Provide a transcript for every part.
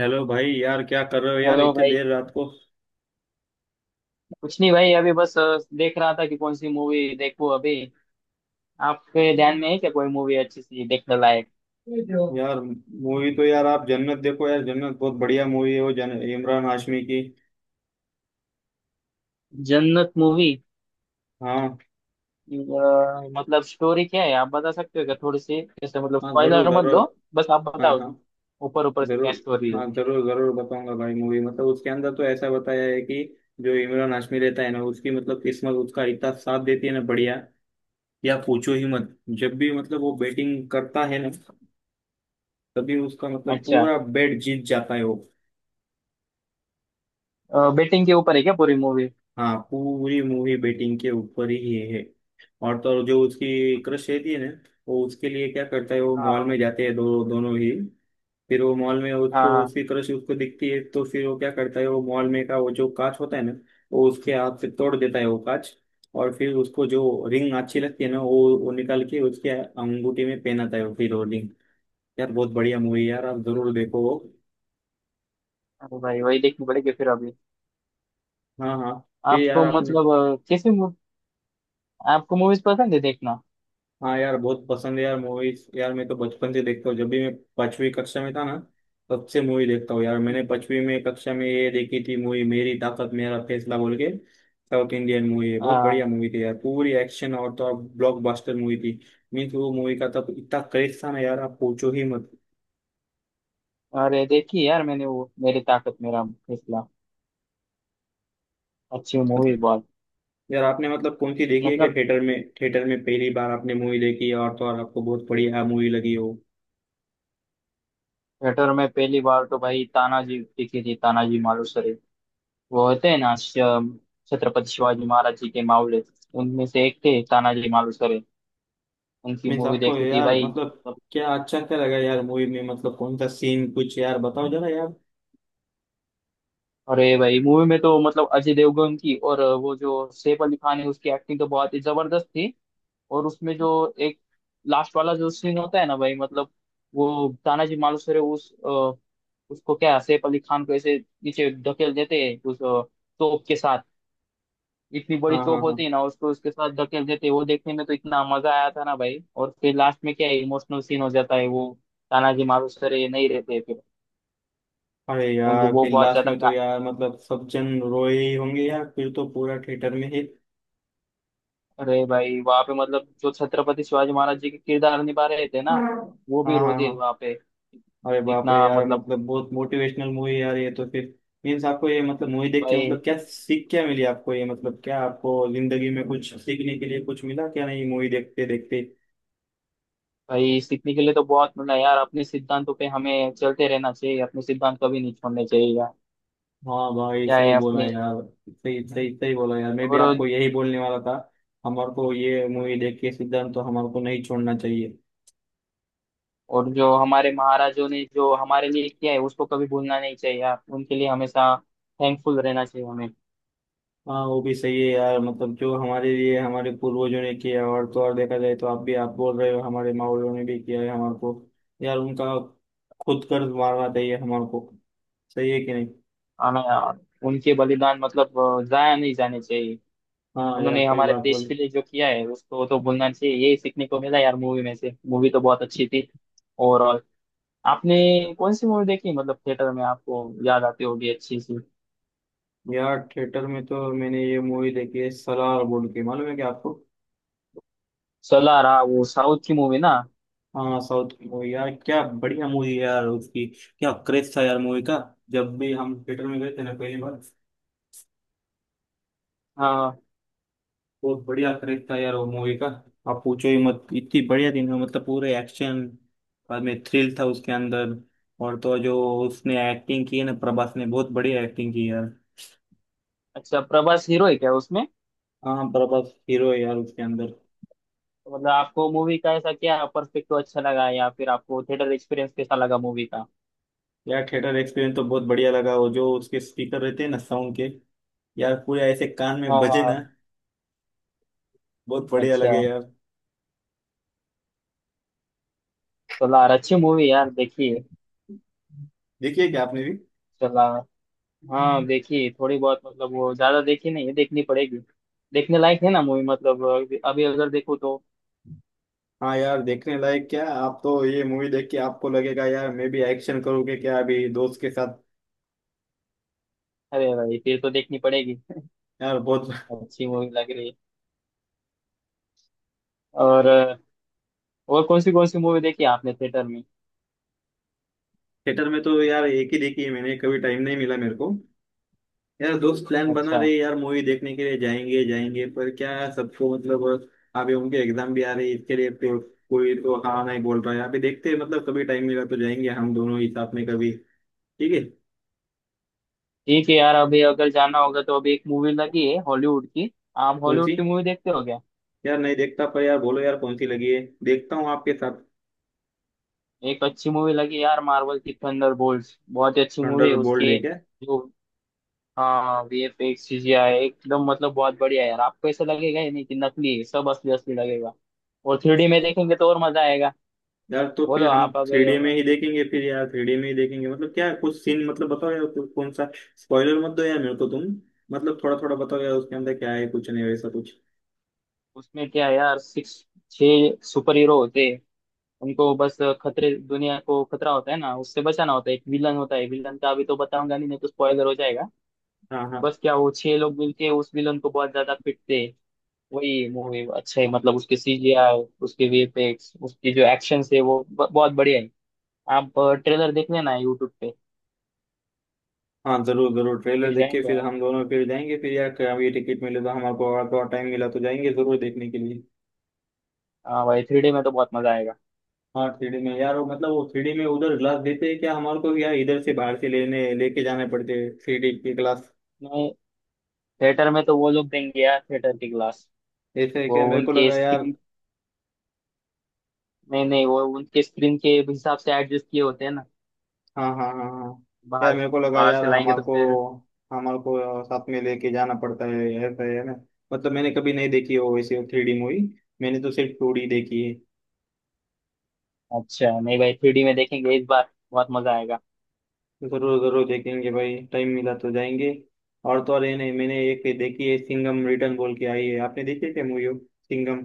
Hello भाई। यार क्या कर रहे हो यार हेलो इतने भाई। देर रात को। कुछ नहीं भाई, अभी बस देख रहा था कि कौन सी मूवी देखूं अभी। आपके ध्यान में है क्या कोई मूवी अच्छी सी देखने लायक। यार मूवी तो यार आप जन्नत देखो। यार जन्नत बहुत बढ़िया मूवी है वो जन इमरान हाशमी की। जन्नत मूवी। हाँ मतलब स्टोरी क्या है, आप बता सकते हो क्या थोड़ी सी, जैसे मतलब हाँ जरूर स्पॉइलर मत जरूर। दो। बस आप हाँ बताओ। हाँ ऊपर ऊपर से क्या जरूर। स्टोरी है। हाँ जरूर जरूर बताऊंगा भाई मूवी मतलब उसके अंदर तो ऐसा बताया है कि जो इमरान हाशमी रहता है ना उसकी मतलब किस्मत उसका इतना साथ देती है ना बढ़िया या पूछो ही मत। जब भी मतलब वो बैटिंग करता है ना तभी उसका मतलब अच्छा। पूरा बैट जीत जाता है वो। बेटिंग के ऊपर है क्या पूरी मूवी। हाँ पूरी मूवी बेटिंग के ऊपर ही है। और तो और जो उसकी क्रश रहती है ना वो उसके लिए क्या करता है वो मॉल में हाँ जाते हैं दो दोनों ही। फिर वो मॉल में हाँ उसको हाँ। उसकी क्रश उसको दिखती है तो फिर वो क्या करता है वो मॉल में का वो जो कांच होता है ना वो उसके हाथ से तोड़ देता है वो कांच। और फिर उसको जो रिंग अच्छी लगती है ना वो निकाल के उसके अंगूठी में पहनाता है वो फिर वो रिंग। यार बहुत बढ़िया मूवी यार आप जरूर देखो वो। अरे भाई वही देखनी पड़ेगी फिर अभी। हाँ हाँ। फिर यार आपको आपने। मतलब आपको मूवीज पसंद है देखना। हाँ यार बहुत पसंद है यार मूवीज यार मैं तो बचपन से देखता हूँ जब भी मैं 5वीं कक्षा में था ना तब से मूवी देखता हूँ। यार मैंने 5वीं में कक्षा में ये देखी थी मूवी मेरी ताकत मेरा फैसला बोल के। साउथ इंडियन मूवी है बहुत बढ़िया मूवी थी यार पूरी एक्शन और तो अब ब्लॉकबस्टर मूवी थी। मीन्स वो मूवी का तब इतना क्रेज था ना यार आप पूछो ही मत। अरे देखी यार मैंने वो, मेरी ताकत मेरा फैसला। अच्छी मूवी मतलब- बहुत। यार आपने मतलब कौन सी देखी है क्या मतलब थिएटर में। थिएटर में पहली बार आपने मूवी देखी है और तो और आपको बहुत बढ़िया मूवी लगी हो। थिएटर में पहली बार तो भाई तानाजी दिखी थी, तानाजी मालुसरे। वो होते हैं ना छत्रपति शिवाजी महाराज जी के मावले। उनमें से एक थे तानाजी मालुसरे। उनकी मीन्स मूवी आपको देखी थी यार भाई, मतलब मतलब। क्या अच्छा क्या लगा यार मूवी में मतलब कौन सा सीन कुछ यार बताओ जरा यार। अरे भाई मूवी में तो मतलब अजय देवगन की और वो जो सैफ अली खान है, उसकी एक्टिंग तो बहुत ही जबरदस्त थी। और उसमें जो एक लास्ट वाला जो सीन होता है ना भाई, मतलब वो तानाजी मालुसरे उस उसको क्या, सैफ अली खान को ऐसे नीचे धकेल देते हैं उस तोप के साथ। इतनी बड़ी हाँ तोप हाँ होती हाँ। है ना, उसको उसके साथ धकेल देते हैं, वो देखने में तो इतना मजा आया था ना भाई। और फिर लास्ट में क्या इमोशनल सीन हो जाता है वो। तानाजी मालुसरे नहीं रहते फिर। अरे उनको यार वो फिर बहुत लास्ट ज्यादा में तो यार मतलब सब जन रोए ही होंगे यार फिर तो पूरा थिएटर में ही। अरे भाई, वहां पे मतलब जो छत्रपति शिवाजी महाराज जी के किरदार निभा रहे थे ना, हाँ वो भी हाँ रो दिए हाँ। वहां पे। अरे बाप रे इतना यार मतलब। मतलब बहुत मोटिवेशनल मूवी यार ये तो फिर। मीन्स आपको ये मतलब मूवी देख के भाई मतलब क्या सीख क्या मिली आपको ये मतलब क्या आपको जिंदगी में कुछ सीखने के लिए कुछ मिला क्या नहीं मूवी देखते देखते। भाई, सीखने के लिए तो बहुत मिला यार, अपने सिद्धांतों पे हमें चलते रहना चाहिए, अपने सिद्धांत कभी नहीं छोड़ने चाहिए यार। हाँ भाई क्या सही है बोला अपने। यार। सही सही सही बोला यार मैं भी और आपको यही बोलने वाला था। हमारे को ये मूवी देख के सिद्धांत तो हमारे को नहीं छोड़ना चाहिए। और जो हमारे महाराजों ने जो हमारे लिए किया है उसको कभी भूलना नहीं चाहिए यार, उनके लिए हमेशा थैंकफुल रहना चाहिए हमें। हाँ वो भी सही है यार मतलब जो हमारे लिए हमारे पूर्वजों ने किया और तो और देखा जाए तो आप भी आप बोल रहे हो हमारे माँ बाप ने भी किया है हमारे को। यार उनका खुद कर्ज मारना चाहिए हमारे को। सही है कि नहीं। हमें यार, उनके बलिदान मतलब जाया नहीं जाने चाहिए। हाँ यार उन्होंने सही हमारे बात देश बोली। के लिए जो किया है उसको तो भूलना चाहिए, ये सीखने को मिला यार मूवी में से, मूवी तो बहुत अच्छी थी ओवरऑल। आपने कौन सी मूवी देखी मतलब थिएटर में आपको, याद आती होगी अच्छी सी। यार थिएटर में तो मैंने ये मूवी देखी है सलार बोल के मालूम है क्या आपको। सोलार हाँ, वो साउथ की मूवी ना। हाँ साउथ की मूवी यार क्या बढ़िया मूवी यार उसकी। क्या क्रेज था यार मूवी का। जब भी हम थिएटर में गए थे ना पहली बार। हाँ। बहुत बढ़िया क्रेज था यार वो मूवी का। आप पूछो ही मत इतनी बढ़िया थी ना मतलब पूरे एक्शन। बाद में थ्रिल था उसके अंदर। और तो जो उसने एक्टिंग की है ना प्रभास ने बहुत बढ़िया एक्टिंग की यार। अच्छा, प्रभास हीरो है क्या उसमें। हाँ प्रभास हीरो है यार उसके अंदर। तो मतलब आपको मूवी का ऐसा क्या पर्सपेक्टिव अच्छा लगा, या फिर आपको थिएटर एक्सपीरियंस कैसा लगा मूवी का। यार थिएटर एक्सपीरियंस तो बहुत बढ़िया लगा वो जो उसके स्पीकर रहते हैं ना साउंड के। यार पूरे ऐसे कान में हाँ बजे ना। हाँ। बहुत बढ़िया अच्छा। लगे यार। सोलार अच्छी मूवी यार, देखिए। देखिए क्या आपने सोलार। हाँ भी। देखिए थोड़ी बहुत, मतलब वो ज्यादा देखी नहीं है, देखनी पड़ेगी। देखने लायक है ना मूवी, मतलब अभी अभी अगर देखो तो। हाँ यार देखने लायक क्या है? आप तो ये मूवी देख के आपको लगेगा यार मैं भी एक्शन करूँगी क्या अभी दोस्त के साथ। अरे भाई फिर तो देखनी पड़ेगी, यार बहुत। अच्छी मूवी लग रही है। और कौन सी कौन सी मूवी देखी आपने थिएटर में। थिएटर में तो यार एक ही देखी है मैंने कभी टाइम नहीं मिला मेरे को। यार दोस्त प्लान बना अच्छा। रहे यार मूवी देखने के लिए जाएंगे जाएंगे पर क्या है, सबको मतलब। अभी उनके एग्जाम भी आ रही है इसके लिए तो। कोई तो हाँ नहीं बोल रहा है अभी देखते हैं मतलब कभी टाइम मिला तो जाएंगे हम दोनों ही साथ में कभी। ठीक है। ठीक है यार, अभी अगर जाना होगा तो अभी एक मूवी लगी है हॉलीवुड की। आप कौन हॉलीवुड सी। की मूवी देखते हो क्या। यार नहीं देखता पर यार बोलो यार कौन सी लगी है देखता हूँ आपके साथ। एक अच्छी मूवी लगी यार, मार्वल की थंडरबोल्ट्स, बहुत ही अच्छी मूवी है थंडरबोल्ट उसके है क्या। जो। हाँ वीएफएक्स चीजें आए एकदम, मतलब बहुत बढ़िया है यार, आपको ऐसा लगेगा ही नहीं कि नकली है, सब असली असली लगेगा। और 3D में देखेंगे तो और मजा आएगा। यार तो बोलो फिर हम आप थ्री अगर। डी में ही देखेंगे फिर यार 3D में ही देखेंगे मतलब क्या है, कुछ सीन मतलब बताओ यार कौन सा। स्पॉइलर मत दो यार मेरे को तुम। मतलब थोड़ा थोड़ा बताओ यार उसके अंदर क्या है कुछ नहीं वैसा कुछ। उसमें क्या है यार, सिक्स, छह सुपर हीरो होते हैं। उनको बस खतरे, दुनिया को खतरा होता है ना उससे बचाना होता है, एक विलन होता है, विलन का अभी तो बताऊंगा नहीं, नहीं तो स्पॉइलर हो जाएगा। हाँ हाँ बस क्या, वो छह लोग मिलके उस विलन को बहुत ज्यादा पीटते। वही मूवी अच्छा है मतलब, उसके सीजीआई, उसके वीएफएक्स, उसके जो एक्शन है वो बहुत बढ़िया है। आप ट्रेलर देख लेना यूट्यूब पे। हाँ जरूर जरूर ट्रेलर फिर देख के जाएंगे फिर आप। हम दोनों फिर जाएंगे फिर यार क्या ये टिकट मिले तो हमारे को अगर थोड़ा टाइम मिला तो जाएंगे जरूर देखने के लिए। हाँ भाई, 3D में तो बहुत मजा आएगा। हाँ 3D में यार वो मतलब वो 3D में उधर ग्लास देते हैं क्या हमारे को यार इधर से बाहर से लेने लेके जाने पड़ते हैं 3D की ग्लास। नहीं, थिएटर में तो वो लोग देंगे यार, थिएटर के ग्लास। ऐसे है वो क्या मेरे को उनके लगा यार। स्क्रीन, नहीं नहीं, वो उनके स्क्रीन के हिसाब से एडजस्ट किए होते हैं ना। हाँ हाँ हाँ हाँ। यार बाहर, मेरे को लगा बाहर यार से लाएंगे हमार तो को फिर। हमार को साथ में लेके जाना पड़ता है ऐसा है ना। मतलब मैंने कभी नहीं देखी हो वैसे 3D मूवी। मैंने तो सिर्फ 2D देखी है। अच्छा नहीं भाई, 3D में देखेंगे इस बार, बहुत मजा आएगा। तो जरूर जरूर देखेंगे भाई टाइम मिला तो जाएंगे। और तो और ये नहीं मैंने एक देखी है सिंघम रिटर्न बोल के आई है आपने देखी है क्या मूवी। सिंघम।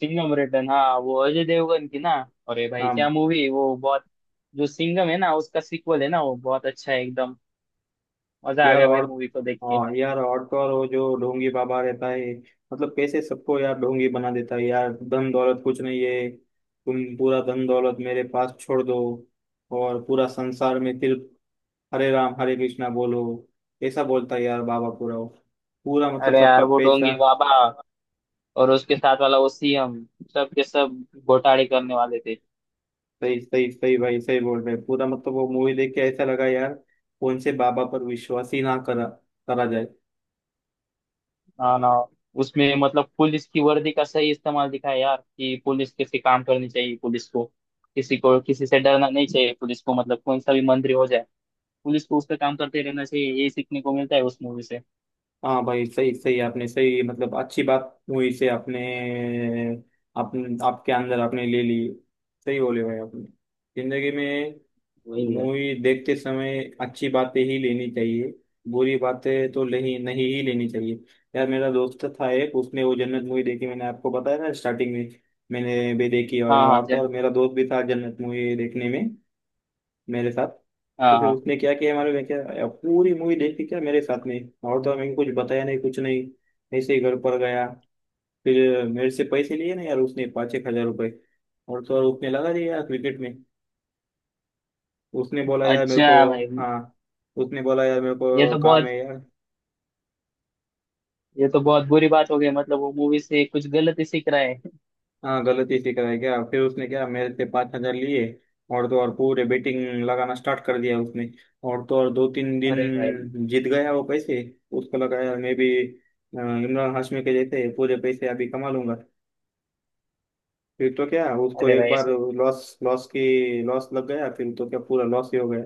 सिंघम रिटर्न, हाँ वो अजय देवगन की ना। अरे भाई क्या हाँ मूवी है वो, बहुत। जो सिंघम है ना उसका सीक्वल है ना, वो बहुत अच्छा है एकदम। मजा आ यार गया भाई और। मूवी को देख के। हाँ यार और तो और वो जो ढोंगी बाबा रहता है मतलब कैसे सबको यार ढोंगी बना देता है यार धन दौलत कुछ नहीं है। तुम पूरा धन दौलत मेरे पास छोड़ दो और पूरा संसार में सिर्फ हरे राम हरे कृष्णा बोलो। ऐसा बोलता है यार बाबा पूरा वो। पूरा मतलब अरे सबका यार वो पैसा। डोंगी बाबा, और उसके साथ वाला वो सीएम, सब के सब घोटाले करने वाले थे। सही सही सही भाई सही बोल रहे पूरा मतलब वो मूवी देख के ऐसा लगा यार। कौन से बाबा पर विश्वास ही ना करा करा जाए। ना ना। उसमें मतलब पुलिस की वर्दी का सही इस्तेमाल दिखा है यार, कि पुलिस कैसे काम करनी चाहिए, पुलिस को किसी से डरना नहीं चाहिए, पुलिस को मतलब कौन सा भी मंत्री हो जाए, पुलिस को उसका काम करते रहना चाहिए, यही सीखने को मिलता है उस मूवी से। हाँ भाई सही सही आपने सही मतलब अच्छी बात हुई से आपने। अपने आपके अंदर आपने ले ली। सही बोले भाई आपने। जिंदगी में वही है। मूवी देखते समय अच्छी बातें ही लेनी चाहिए। बुरी बातें तो नहीं नहीं ही लेनी चाहिए। यार मेरा दोस्त था एक उसने वो जन्नत मूवी देखी मैंने आपको बताया ना स्टार्टिंग में। मैंने भी देखी हाँ और हाँ आप तो और चल। मेरा दोस्त भी था जन्नत मूवी देखने में मेरे साथ। तो हाँ फिर हाँ। उसने क्या किया मालूम है क्या पूरी मूवी देखी क्या मेरे साथ में। और तो मैंने कुछ बताया नहीं कुछ नहीं। ऐसे ही घर पर गया फिर मेरे से पैसे लिए ना यार उसने पाँच एक हजार रुपए। और तो और उसने लगा दिया यार क्रिकेट में। उसने बोला यार मेरे को। अच्छा भाई। हाँ। उसने बोला यार मेरे ये को तो काम बहुत है यार। ये तो बहुत बुरी बात हो गई, मतलब वो मूवी से कुछ गलत ही सीख रहा है। हाँ गलती इसी का है क्या फिर उसने क्या मेरे से 5 हज़ार लिए। और तो और पूरे बेटिंग लगाना स्टार्ट कर दिया उसने। और तो और दो तीन अरे भाई दिन जीत गया वो पैसे। उसको लगा यार मैं भी इमरान हाशमी के जैसे पूरे पैसे अभी कमा लूंगा। फिर तो क्या उसको अरे एक भाई बार ऐसे। लॉस लॉस की लॉस लग गया फिर तो क्या पूरा लॉस ही हो गया।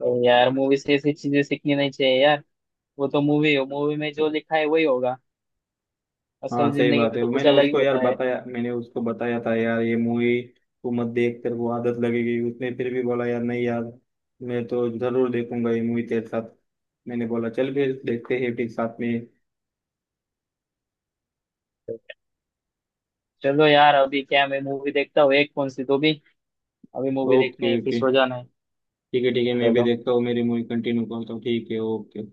तो यार मूवी से ऐसी चीजें सीखनी नहीं चाहिए यार। वो तो मूवी है, मूवी में जो लिखा है वही होगा। हाँ असल सही जिंदगी बात में है तो कुछ मैंने अलग ही उसको यार होता है। बताया मैंने उसको बताया था यार ये मूवी। तू मत देख तेरे को आदत लगेगी उसने फिर भी बोला यार नहीं यार। मैं तो जरूर देखूंगा ये मूवी तेरे साथ। मैंने बोला चल फिर देखते हैं फिर साथ में। चलो यार, अभी क्या, मैं मूवी देखता हूँ एक कौन सी तो भी। अभी मूवी देखने ओके फिर ओके। सो जाना है। ठीक है मैं भी चलो। देखता हूँ मेरी मूवी कंटिन्यू करता हूँ ठीक है ओके।